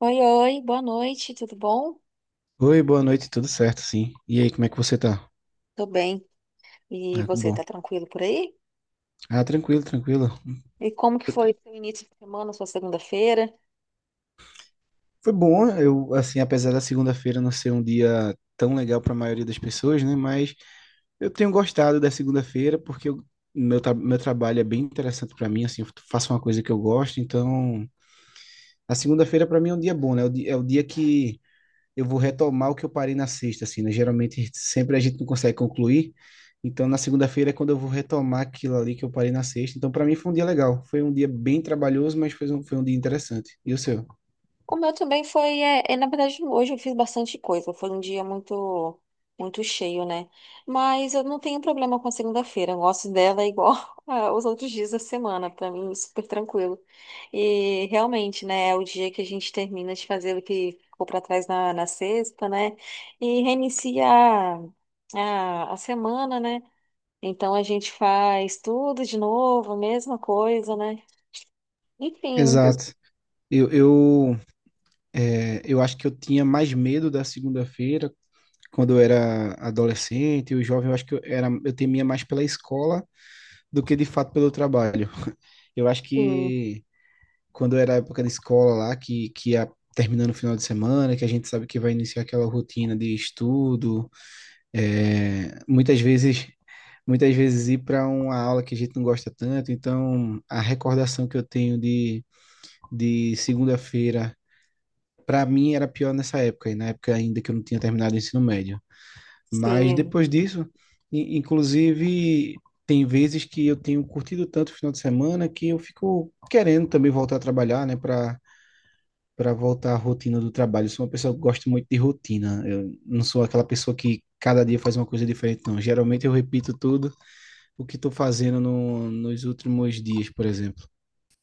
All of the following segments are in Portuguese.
Oi, oi, boa noite, tudo bom? Oi, boa noite, tudo certo, sim. E aí, como é que você tá? Tô bem. E Ah, que você, bom. tá tranquilo por aí? Ah, tranquilo, tranquilo. E como que foi seu início de semana, sua segunda-feira? Foi bom, eu, assim, apesar da segunda-feira não ser um dia tão legal para a maioria das pessoas, né? Mas eu tenho gostado da segunda-feira porque meu trabalho é bem interessante para mim, assim, eu faço uma coisa que eu gosto, então a segunda-feira para mim é um dia bom, né? É o dia que eu vou retomar o que eu parei na sexta, assim, né? Geralmente, sempre a gente não consegue concluir. Então, na segunda-feira é quando eu vou retomar aquilo ali que eu parei na sexta. Então, para mim foi um dia legal. Foi um dia bem trabalhoso, mas foi um dia interessante. E o seu? O meu também foi, na verdade, hoje eu fiz bastante coisa, foi um dia muito cheio, né? Mas eu não tenho problema com a segunda-feira, eu gosto dela igual aos outros dias da semana, pra mim, é super tranquilo. E realmente, né, é o dia que a gente termina de fazer o que ficou pra trás na sexta, né? E reinicia a semana, né? Então a gente faz tudo de novo, a mesma coisa, né? Enfim, Exato. Eu, eu, eu acho que eu tinha mais medo da segunda-feira quando eu era adolescente, o jovem, eu acho que eu, era, eu temia mais pela escola do que de fato pelo trabalho. Eu acho sim, que quando era a época da escola lá, que ia terminando o final de semana, que a gente sabe que vai iniciar aquela rotina de estudo, é, muitas vezes muitas vezes ir para uma aula que a gente não gosta tanto, então a recordação que eu tenho de segunda-feira, para mim era pior nessa época, e na época ainda que eu não tinha terminado o ensino médio. Mas sim. depois disso, inclusive, tem vezes que eu tenho curtido tanto o final de semana que eu fico querendo também voltar a trabalhar, né, para voltar à rotina do trabalho. Eu sou uma pessoa que gosta muito de rotina. Eu não sou aquela pessoa que cada dia faz uma coisa diferente, não. Geralmente eu repito tudo o que estou fazendo no, nos últimos dias, por exemplo.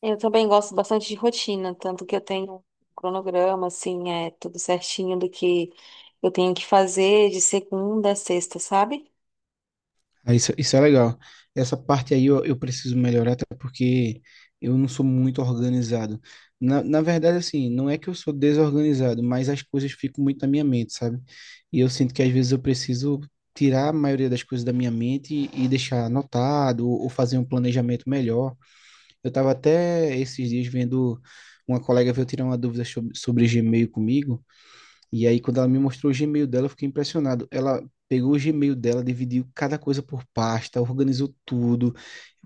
Eu também gosto bastante de rotina, tanto que eu tenho um cronograma, assim, é tudo certinho do que eu tenho que fazer de segunda a sexta, sabe? Aí Isso é legal. Essa parte aí eu preciso melhorar, até porque eu não sou muito organizado. Na verdade, assim, não é que eu sou desorganizado, mas as coisas ficam muito na minha mente, sabe? E eu sinto que às vezes eu preciso tirar a maioria das coisas da minha mente e deixar anotado ou fazer um planejamento melhor. Eu estava até esses dias vendo uma colega veio tirar uma dúvida sobre Gmail comigo, e aí quando ela me mostrou o Gmail dela, eu fiquei impressionado. Ela pegou o Gmail dela, dividiu cada coisa por pasta, organizou tudo.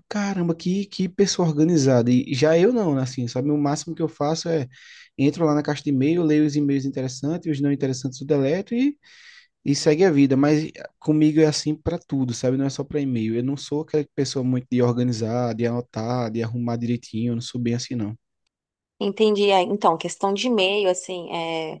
Caramba, que pessoa organizada. E já eu não, né, assim, sabe? O máximo que eu faço é entro lá na caixa de e-mail, leio os e-mails interessantes, os não interessantes eu deleto e segue a vida, mas comigo é assim para tudo, sabe? Não é só para e-mail. Eu não sou aquela pessoa muito de organizar, de anotar, de arrumar direitinho, eu não sou bem assim, não. Entendi. Ah, então, questão de e-mail, assim, é.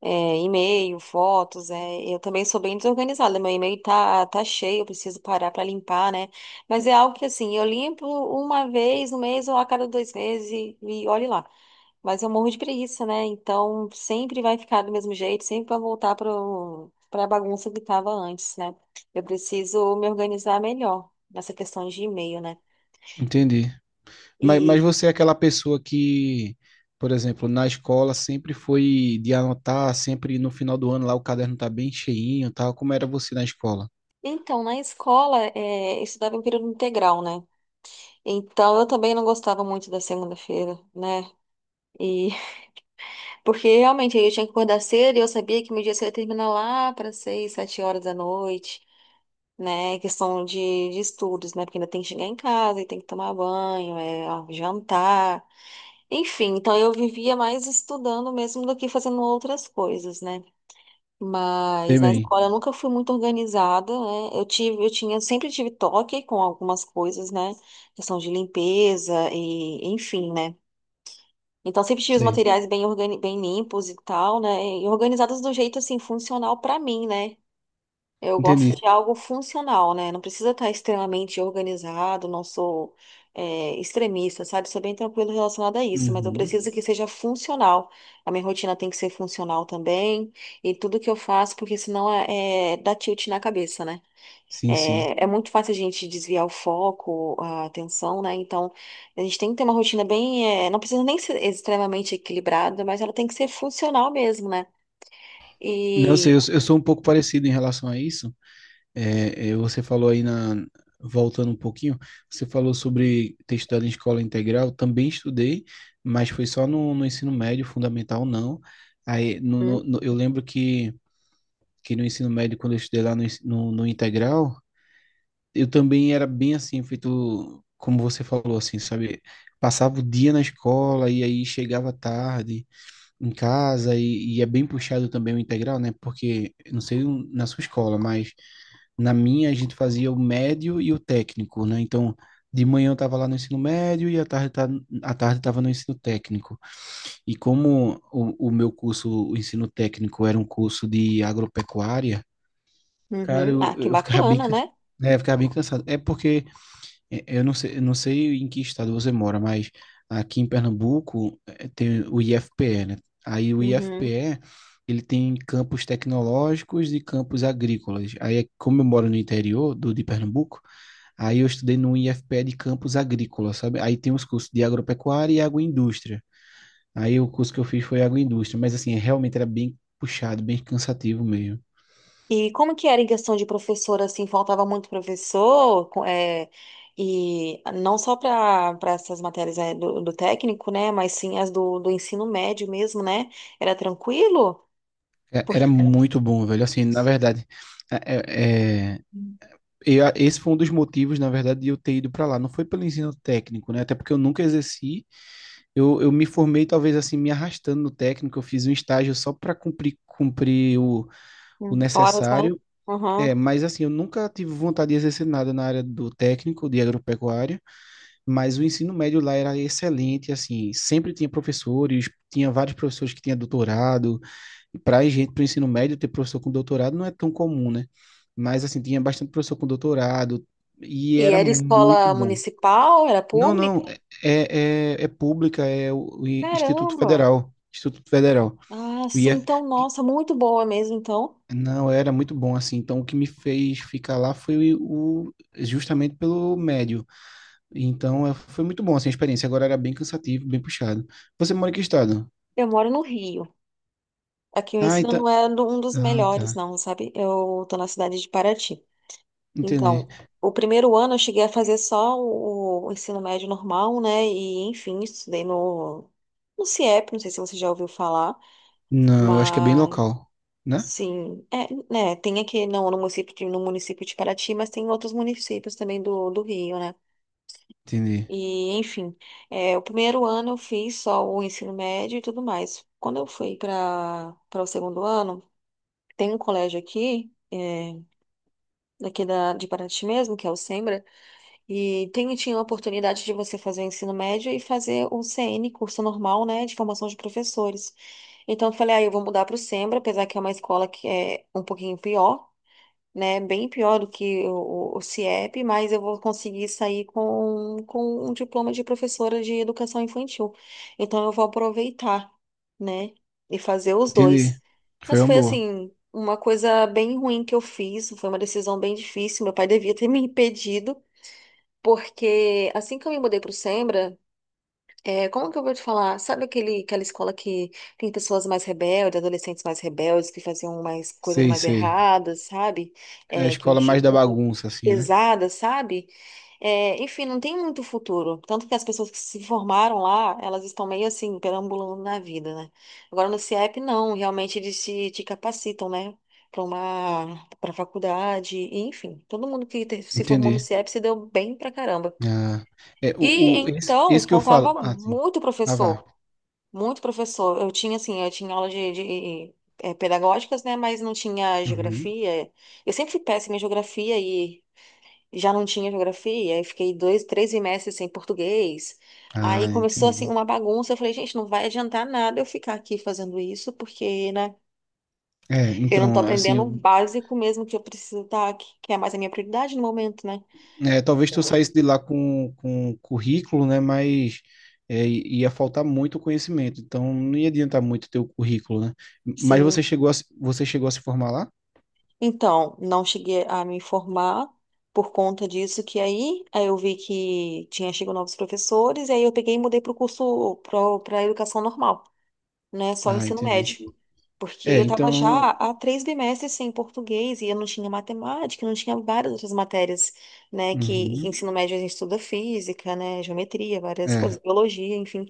é, e-mail, fotos, é, eu também sou bem desorganizada, meu e-mail tá cheio, eu preciso parar para limpar, né? Mas é algo que, assim, eu limpo uma vez no mês ou a cada dois meses e olhe lá. Mas eu morro de preguiça, né? Então sempre vai ficar do mesmo jeito, sempre vai voltar pra bagunça que tava antes, né? Eu preciso me organizar melhor nessa questão de e-mail, né? Entendi. Mas E você é aquela pessoa que, por exemplo, na escola sempre foi de anotar, sempre no final do ano lá o caderno tá bem cheinho, tal. Como era você na escola? então, na escola, é, eu estudava em período integral, né? Então, eu também não gostava muito da segunda-feira, né? E porque realmente eu tinha que acordar cedo e eu sabia que meu dia cedo ia terminar lá para seis, sete horas da noite, né? Questão de estudos, né? Porque ainda tem que chegar em casa e tem que tomar banho, é, ó, jantar, enfim. Então eu vivia mais estudando mesmo do que fazendo outras coisas, né? Mas Sei na bem, escola eu nunca fui muito organizada, né? Eu tive, eu tinha, sempre tive toque com algumas coisas, né? Questão de limpeza e enfim, né? Então, sempre tive os sei. materiais bem, bem limpos e tal, né? E organizados do jeito, assim, funcional pra mim, né? Eu gosto Entendi. de algo funcional, né? Não precisa estar extremamente organizado, não sou, é, extremista, sabe? Sou bem tranquilo relacionado a isso, mas eu Uhum. preciso que seja funcional. A minha rotina tem que ser funcional também, e tudo que eu faço, porque senão é dá tilt na cabeça, né? Sim, sim. É, é muito fácil a gente desviar o foco, a atenção, né? Então, a gente tem que ter uma rotina bem. Não precisa nem ser extremamente equilibrada, mas ela tem que ser funcional mesmo, né? Não E. sei, eu sou um pouco parecido em relação a isso. Você falou voltando um pouquinho, você falou sobre ter estudado em escola integral, também estudei, mas foi só no ensino médio, fundamental não. Aí, no, Uhum, no- no- eu lembro que no ensino médio, quando eu estudei lá no integral, eu também era bem assim, feito como você falou, assim, sabe? Passava o dia na escola e aí chegava tarde em casa e é bem puxado também o integral, né? Porque, não sei na sua escola, mas na minha, a gente fazia o médio e o técnico, né? Então, de manhã eu estava lá no ensino médio e à tarde estava no ensino técnico. E como o meu curso, o ensino técnico, era um curso de agropecuária, cara, uhum. Ah, que bacana, né? Eu ficava bem cansado. É porque eu não sei, eu não sei em que estado você mora, mas aqui em Pernambuco tem o IFPE, né? Aí o Uhum. IFPE, ele tem campos tecnológicos e campos agrícolas. Aí, é, como eu moro no interior do de Pernambuco, aí eu estudei no IFPE de campos agrícolas, sabe? Aí tem os cursos de agropecuária e agroindústria. Aí o curso que eu fiz foi agroindústria, mas assim, realmente era bem puxado, bem cansativo mesmo. E como que era em questão de professor, assim, faltava muito professor? E não só para essas matérias, do, do técnico, né? Mas sim as do ensino médio mesmo, né? Era tranquilo? Porque. Era muito bom, velho. Assim, na verdade, é, é- é, e esse foi um dos motivos, na verdade, de eu ter ido para lá. Não foi pelo ensino técnico, né? Até porque eu nunca exerci. Eu me formei, talvez assim, me arrastando no técnico. Eu fiz um estágio só para cumprir, cumprir o Uhum. Horas, né? necessário. Uhum. É, mas assim, eu nunca tive vontade de exercer nada na área do técnico, de agropecuária. Mas o ensino médio lá era excelente, assim. Sempre tinha professores, tinha vários professores que tinham doutorado e para gente, para o ensino médio, ter professor com doutorado não é tão comum, né? Mas, assim, tinha bastante professor com doutorado e E era era muito escola bom. municipal? Era Não, pública? não, é, é, é é pública, é o Instituto Caramba! Federal. Instituto Federal. Ah, O sim, IF... então, nossa, muito boa mesmo, então. Não, era muito bom, assim. Então, o que me fez ficar lá foi o, justamente pelo médio. Então, foi muito bom, assim, a experiência. Agora era bem cansativo, bem puxado. Você mora em que estado? Eu moro no Rio. Aqui o Ah, ensino então... não é um dos Ah, melhores, tá. não, sabe? Eu tô na cidade de Paraty. Então, Entendi. o primeiro ano eu cheguei a fazer só o ensino médio normal, né? E, enfim, estudei no CIEP, não sei se você já ouviu falar, Não, eu acho que é bem mas, local, né? sim, é, né? Tem aqui no município de, no município de Paraty, mas tem outros municípios também do, do Rio, né? Entendi. E, enfim, é, o primeiro ano eu fiz só o ensino médio e tudo mais. Quando eu fui para o segundo ano, tem um colégio aqui, é, daqui da, de Paraty mesmo, que é o Sembra, e tem, tinha a oportunidade de você fazer o ensino médio e fazer o CN, curso normal, né, de formação de professores. Então eu falei, aí eu vou mudar para o Sembra, apesar que é uma escola que é um pouquinho pior, né? Bem pior do que o CIEP, mas eu vou conseguir sair com um diploma de professora de educação infantil. Então eu vou aproveitar, né? E fazer os Entendi. dois. Foi Mas uma foi boa. assim, uma coisa bem ruim que eu fiz, foi uma decisão bem difícil. Meu pai devia ter me impedido, porque assim que eu me mudei para o é, como que eu vou te falar? Sabe aquele, aquela escola que tem pessoas mais rebeldes, adolescentes mais rebeldes, que faziam mais coisas Sei, mais sei. erradas, sabe? É a É, que escola mais mexiam da com coisas bagunça, assim, né? pesadas, sabe? É, enfim, não tem muito futuro. Tanto que as pessoas que se formaram lá, elas estão meio assim, perambulando na vida, né? Agora no CIEP, não. Realmente eles te capacitam, né? Para faculdade, e, enfim. Todo mundo que se formou Entendi. no CIEP se deu bem pra caramba. Ah, é, E então, esse que eu falo. faltava Ah, sim. muito Ah, vá. professor, muito professor. Eu tinha, assim, eu tinha aula de pedagógicas, né? Mas não tinha Uhum. geografia. Eu sempre fui péssima em geografia e já não tinha geografia. Aí fiquei dois, três semestres sem português. Aí Ah, começou, assim, entendi. uma bagunça. Eu falei, gente, não vai adiantar nada eu ficar aqui fazendo isso, porque, né? É, Eu não tô então, aprendendo o assim, básico mesmo que eu preciso estar, que é mais a minha prioridade no momento, né? é, talvez tu saísse de lá com currículo, né? Mas é, ia faltar muito conhecimento. Então, não ia adiantar muito ter o currículo, né? Mas você Sim, chegou a, você chegou a se formar lá? então, não cheguei a me informar por conta disso, aí eu vi que tinha chegado novos professores, e aí eu peguei e mudei para o curso para a educação normal, né? Só Ah, ensino entendi. médio. Porque É, eu estava já então. há três bimestres sem português e eu não tinha matemática, não tinha várias outras matérias, né? Que em Uhum. ensino médio a gente estuda física, né? Geometria, várias coisas, É, biologia, enfim.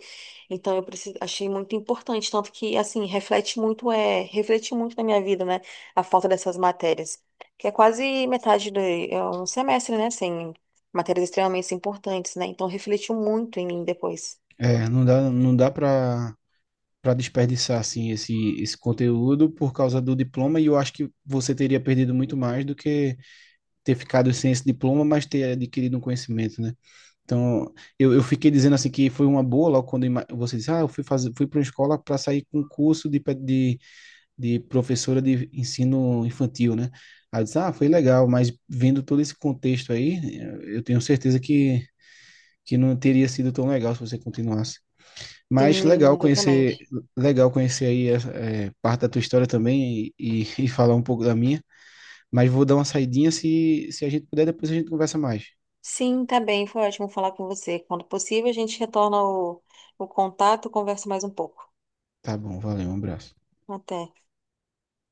Então eu achei muito importante, tanto que assim reflete muito na minha vida, né? A falta dessas matérias, que é quase metade do é um semestre, né? Sem matérias extremamente importantes, né? Então refletiu muito em mim depois. Não dá, não dá pra para desperdiçar assim esse conteúdo por causa do diploma e eu acho que você teria perdido muito mais do que ter ficado sem esse diploma, mas ter adquirido um conhecimento, né? Então, eu fiquei dizendo assim que foi uma boa logo quando você disse, ah, eu fui fazer, fui para uma escola para sair com um curso de de professora de ensino infantil, né? Aí eu disse, ah, foi legal, mas vendo todo esse contexto aí, eu tenho certeza que não teria sido tão legal se você continuasse. Sim, Mas exatamente. legal conhecer aí parte da tua história também e falar um pouco da minha. Mas vou dar uma saidinha se a gente puder, depois a gente conversa mais. Sim, tá bem. Foi ótimo falar com você. Quando possível, a gente retorna o contato, conversa mais um pouco. Tá bom, valeu, um abraço. Até.